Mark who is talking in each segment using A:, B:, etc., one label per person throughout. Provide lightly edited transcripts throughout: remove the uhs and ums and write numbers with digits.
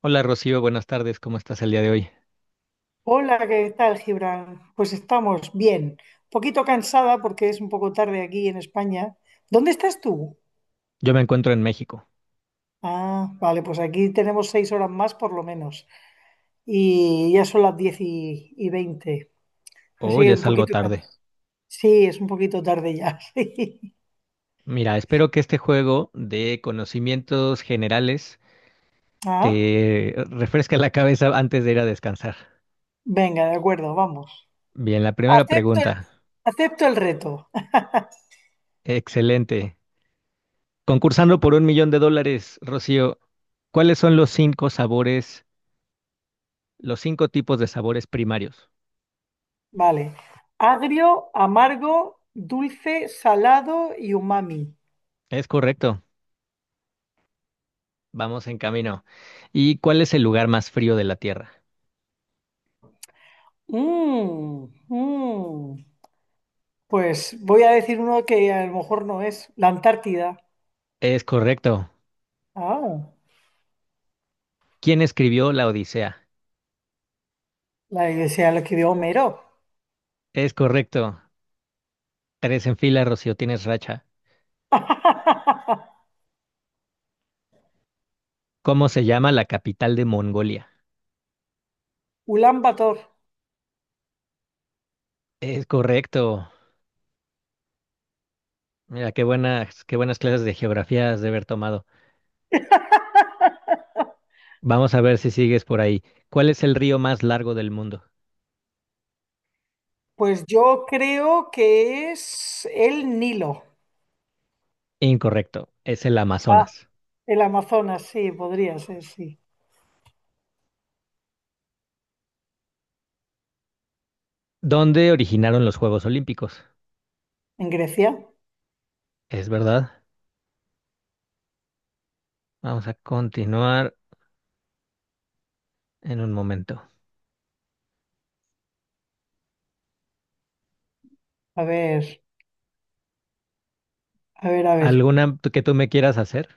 A: Hola Rocío, buenas tardes, ¿cómo estás el día de hoy?
B: Hola, ¿qué tal, Gibran? Pues estamos bien. Un poquito cansada porque es un poco tarde aquí en España. ¿Dónde estás tú?
A: Yo me encuentro en México.
B: Ah, vale, pues aquí tenemos 6 horas más por lo menos. Y ya son las diez y veinte.
A: Oh,
B: Así
A: ya
B: que un
A: es algo
B: poquito
A: tarde.
B: cansada. Sí, es un poquito tarde ya. Sí.
A: Mira, espero que este juego de conocimientos generales
B: Ah,
A: te refresque la cabeza antes de ir a descansar.
B: venga, de acuerdo, vamos.
A: Bien, la primera
B: Acepto,
A: pregunta.
B: acepto el reto.
A: Excelente. Concursando por 1 millón de dólares, Rocío, ¿cuáles son los cinco sabores, los cinco tipos de sabores primarios?
B: Vale. Agrio, amargo, dulce, salado y umami.
A: Es correcto, vamos en camino. ¿Y cuál es el lugar más frío de la Tierra?
B: Mmm, Pues voy a decir uno que a lo mejor no es, la Antártida.
A: Es correcto.
B: Ah,
A: ¿Quién escribió la Odisea?
B: la iglesia lo escribió Homero.
A: Es correcto. Tres en fila, Rocío, tienes racha. ¿Cómo se llama la capital de Mongolia?
B: Ulan Bator.
A: Es correcto. Mira, qué buenas clases de geografía has de haber tomado. Vamos a ver si sigues por ahí. ¿Cuál es el río más largo del mundo?
B: Pues yo creo que es el Nilo.
A: Incorrecto, es el
B: Ah,
A: Amazonas.
B: el Amazonas, sí, podría ser, sí.
A: ¿Dónde originaron los Juegos Olímpicos?
B: En Grecia.
A: Es verdad. Vamos a continuar en un momento.
B: A ver, a ver, a ver.
A: ¿Alguna que tú me quieras hacer?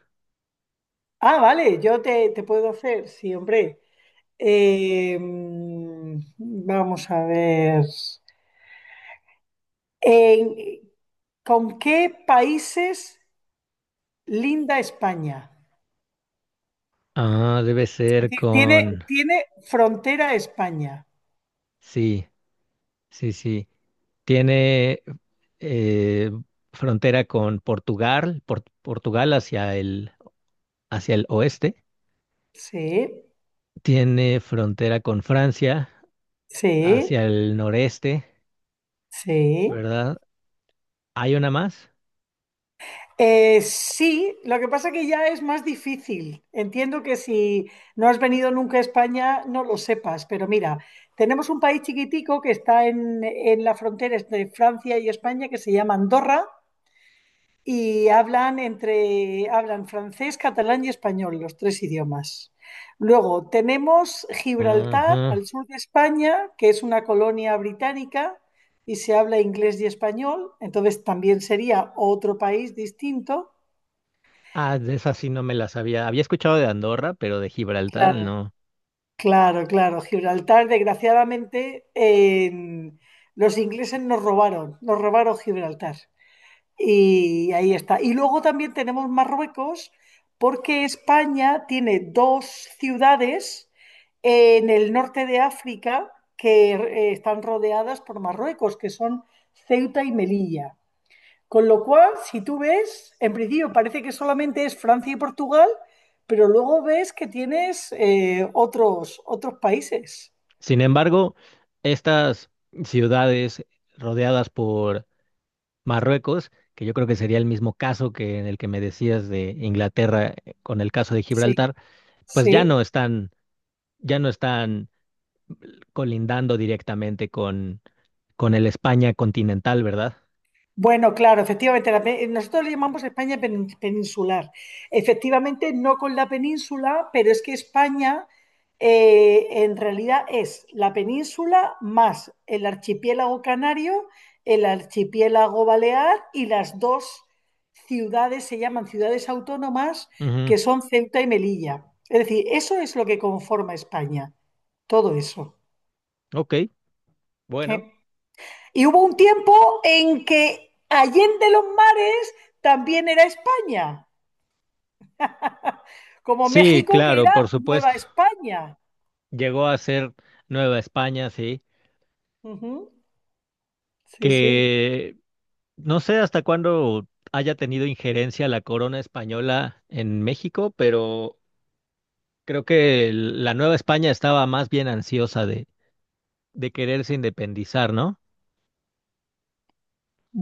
B: Ah, vale, yo te puedo hacer, sí, hombre. Vamos a ver. En- ¿Con qué países linda España?
A: Ah, debe
B: Es
A: ser
B: decir, Tiene,
A: con...
B: tiene frontera a España.
A: Sí. Sí, sí. Tiene eh, frontera con Portugal, Portugal hacia el, oeste.
B: Sí,
A: Tiene frontera con Francia
B: sí,
A: hacia el noreste,
B: sí.
A: ¿verdad? ¿Hay una más?
B: Sí, lo que pasa que ya es más difícil. Entiendo que si no has venido nunca a España, no lo sepas, pero mira, tenemos un país chiquitico que está en la frontera entre Francia y España que se llama Andorra y hablan entre hablan francés, catalán y español, los tres idiomas. Luego tenemos Gibraltar,
A: Ajá.
B: al sur de España, que es una colonia británica y se habla inglés y español, entonces también sería otro país distinto.
A: Ah, de esa sí no me la sabía. Había escuchado de Andorra, pero de Gibraltar
B: Claro,
A: no.
B: claro, claro. Gibraltar, desgraciadamente, los ingleses nos robaron Gibraltar. Y ahí está. Y luego también tenemos Marruecos, porque España tiene dos ciudades en el norte de África que están rodeadas por Marruecos, que son Ceuta y Melilla. Con lo cual, si tú ves, en principio parece que solamente es Francia y Portugal, pero luego ves que tienes otros países.
A: Sin embargo, estas ciudades rodeadas por Marruecos, que yo creo que sería el mismo caso que en el que me decías de Inglaterra con el caso de
B: Sí,
A: Gibraltar, pues ya
B: sí.
A: no están, ya no están colindando directamente con, el España continental, ¿verdad?
B: Bueno, claro, efectivamente, nosotros le llamamos España peninsular. Efectivamente, no con la península, pero es que España en realidad es la península más el archipiélago canario, el archipiélago balear y las dos ciudades, se llaman ciudades autónomas,
A: Ujú.
B: que son Ceuta y Melilla. Es decir, eso es lo que conforma España, todo eso.
A: Ok,
B: ¿Eh?
A: bueno.
B: Y hubo un tiempo en que Allende los Mares también era España, como
A: Sí,
B: México que
A: claro, por
B: era Nueva
A: supuesto.
B: España.
A: Llegó a ser Nueva España, sí,
B: Ujú. Sí, sí.
A: que no sé hasta cuándo haya tenido injerencia la corona española en México, pero creo que la Nueva España estaba más bien ansiosa de, quererse independizar, ¿no?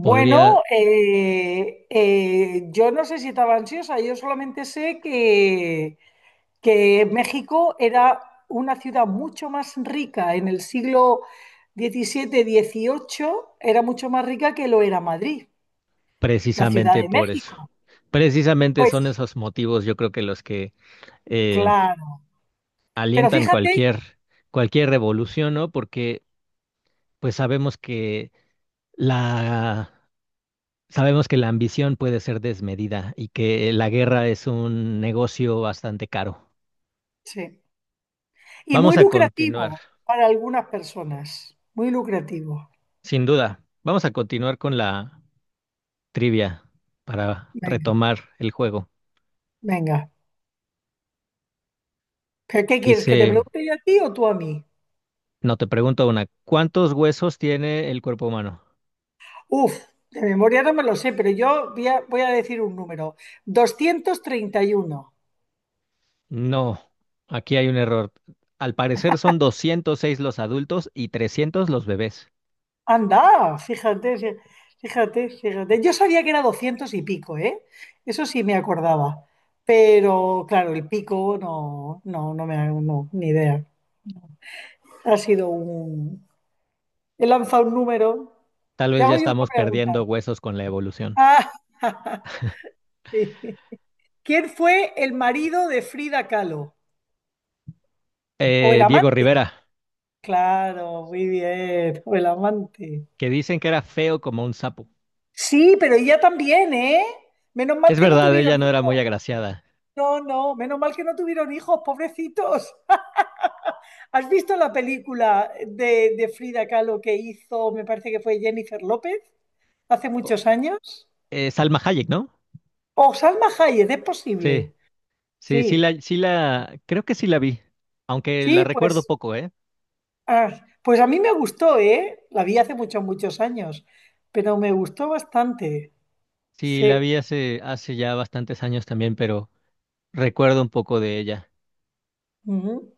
A: Podría
B: yo no sé si estaba ansiosa, yo solamente sé que México era una ciudad mucho más rica en el siglo XVII-XVIII, era mucho más rica que lo era Madrid, la Ciudad
A: precisamente
B: de
A: por eso.
B: México.
A: Precisamente son
B: Pues
A: esos motivos, yo creo que los que eh,
B: claro, pero
A: alientan
B: fíjate,
A: cualquier, cualquier revolución, ¿no? Porque pues la, sabemos que la ambición puede ser desmedida y que la guerra es un negocio bastante caro.
B: sí. Y
A: Vamos
B: muy
A: a continuar,
B: lucrativo para algunas personas. Muy lucrativo.
A: sin duda. Vamos a continuar con la trivia para
B: Venga,
A: retomar el juego.
B: venga. ¿Pero qué quieres? ¿Que te
A: Dice,
B: pregunte yo a ti o tú a mí?
A: no te pregunto una, ¿cuántos huesos tiene el cuerpo humano?
B: Uf, de memoria no me lo sé, pero yo voy a decir un número. 231.
A: No, aquí hay un error. Al parecer son 206 los adultos y 300 los bebés.
B: Anda, fíjate, fíjate, fíjate. Yo sabía que era 200 y pico, ¿eh? Eso sí me acordaba. Pero claro, el pico no, no, no no, ni idea. Ha sido un. He lanzado un número.
A: Tal
B: Te
A: vez ya
B: hago yo una
A: estamos
B: pregunta.
A: perdiendo huesos con la evolución.
B: Ah, sí. ¿Quién fue el marido de Frida Kahlo? ¿O el
A: Diego
B: amante?
A: Rivera,
B: Claro, muy bien. O el amante.
A: que dicen que era feo como un sapo.
B: Sí, pero ella también, ¿eh? Menos mal
A: Es
B: que no
A: verdad, ella
B: tuvieron
A: no era muy
B: hijos.
A: agraciada.
B: No, no, menos mal que no tuvieron hijos, pobrecitos. ¿Has visto la película de Frida Kahlo que hizo, me parece que fue Jennifer López, hace
A: O-
B: muchos años?
A: Salma Hayek, ¿no?
B: O Salma Hayek, es posible.
A: Sí,
B: Sí,
A: sí, sí la, creo que sí la vi, aunque la
B: sí,
A: recuerdo
B: pues.
A: poco, ¿eh?
B: Ah, pues a mí me gustó, ¿eh? La vi hace muchos, muchos años, pero me gustó bastante.
A: Sí, la
B: Sí.
A: vi hace ya bastantes años también, pero recuerdo un poco de ella.
B: Ujú.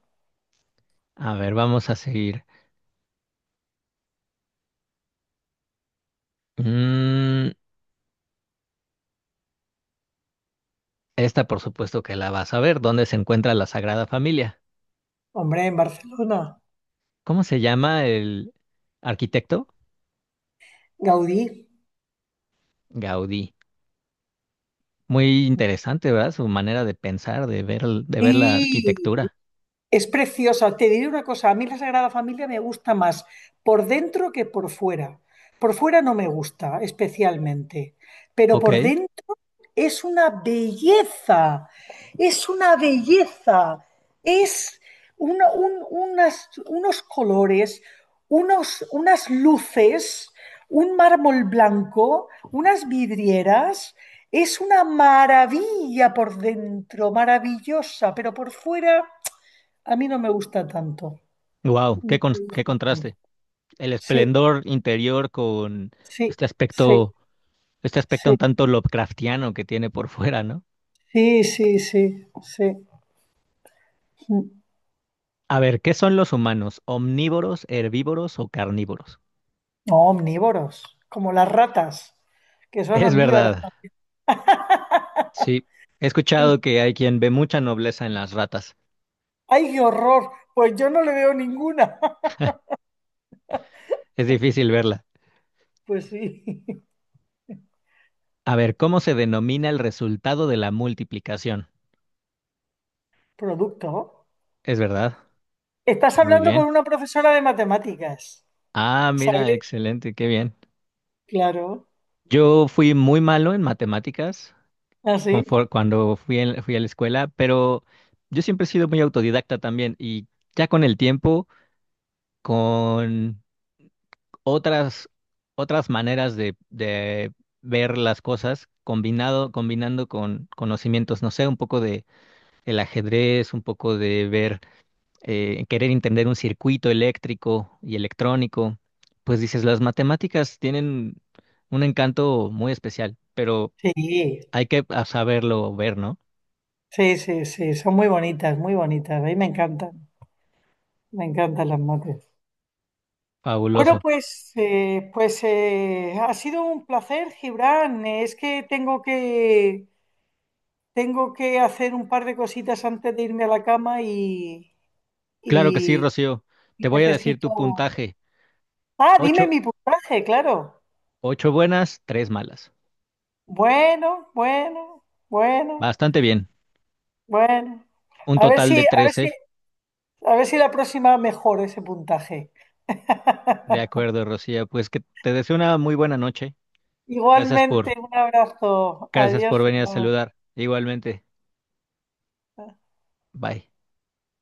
A: A ver, vamos a seguir. Mm, esta por supuesto que la vas a ver. ¿Dónde se encuentra la Sagrada Familia?
B: Hombre, en Barcelona.
A: ¿Cómo se llama el arquitecto?
B: Gaudí.
A: Gaudí. Muy interesante, ¿verdad? Su manera de pensar, de ver, de ver la
B: Sí,
A: arquitectura.
B: es preciosa. Te diré una cosa, a mí la Sagrada Familia me gusta más por dentro que por fuera. Por fuera no me gusta especialmente, pero por
A: Ok.
B: dentro es una belleza, es una belleza, es una, unos colores, unas luces, un mármol blanco, unas vidrieras. Es una maravilla por dentro, maravillosa, pero por fuera a mí no me gusta tanto.
A: Wow,
B: No
A: qué,
B: me
A: qué
B: gusta tanto.
A: contraste. El
B: Sí,
A: esplendor interior con
B: sí,
A: este
B: sí,
A: aspecto, este aspecto
B: sí,
A: un tanto Lovecraftiano que tiene por fuera, ¿no?
B: sí, sí, sí, sí.
A: A ver, ¿qué son los humanos? ¿Omnívoros, herbívoros o carnívoros?
B: Omnívoros, como las ratas, que son
A: Es
B: omnívoras.
A: verdad, sí. He escuchado que hay quien ve mucha nobleza en las ratas.
B: ¡Ay, qué horror! Pues yo no le veo ninguna.
A: Es difícil verla.
B: Pues sí.
A: A ver, ¿cómo se denomina el resultado de la multiplicación?
B: Producto.
A: Es verdad.
B: Estás
A: Muy
B: hablando con
A: bien.
B: una profesora de matemáticas,
A: Ah, mira,
B: ¿sabes?
A: excelente, qué bien.
B: Claro,
A: Yo fui muy malo en matemáticas
B: así.
A: cuando fui, fui a la escuela, pero yo siempre he sido muy autodidacta también y ya con el tiempo, con otras, otras maneras de, ver las cosas combinado, combinando con conocimientos, no sé, un poco de el ajedrez, un poco de ver, querer entender un circuito eléctrico y electrónico, pues dices, las matemáticas tienen un encanto muy especial, pero
B: Sí,
A: hay que saberlo ver, ¿no?
B: sí, sí, sí, sí. Son muy bonitas, muy bonitas. A mí me encantan las mates. Bueno,
A: Fabuloso.
B: pues, ha sido un placer, Gibran. Es que Tengo que, hacer un par de cositas antes de irme a la cama
A: Claro que sí,
B: y
A: Rocío.
B: y
A: Te voy a decir
B: necesito.
A: tu puntaje.
B: Ah, dime
A: Ocho,
B: mi puntaje, claro.
A: ocho buenas, tres malas.
B: Bueno, bueno, bueno,
A: Bastante bien.
B: bueno.
A: Un
B: A ver
A: total de
B: si, a ver si,
A: 13.
B: a ver si la próxima mejora ese puntaje.
A: De acuerdo, Rocío. Pues que te deseo una muy buena noche. Gracias
B: Igualmente,
A: por,
B: un abrazo.
A: gracias
B: Adiós,
A: por venir a
B: Gilmán.
A: saludar. Igualmente. Bye.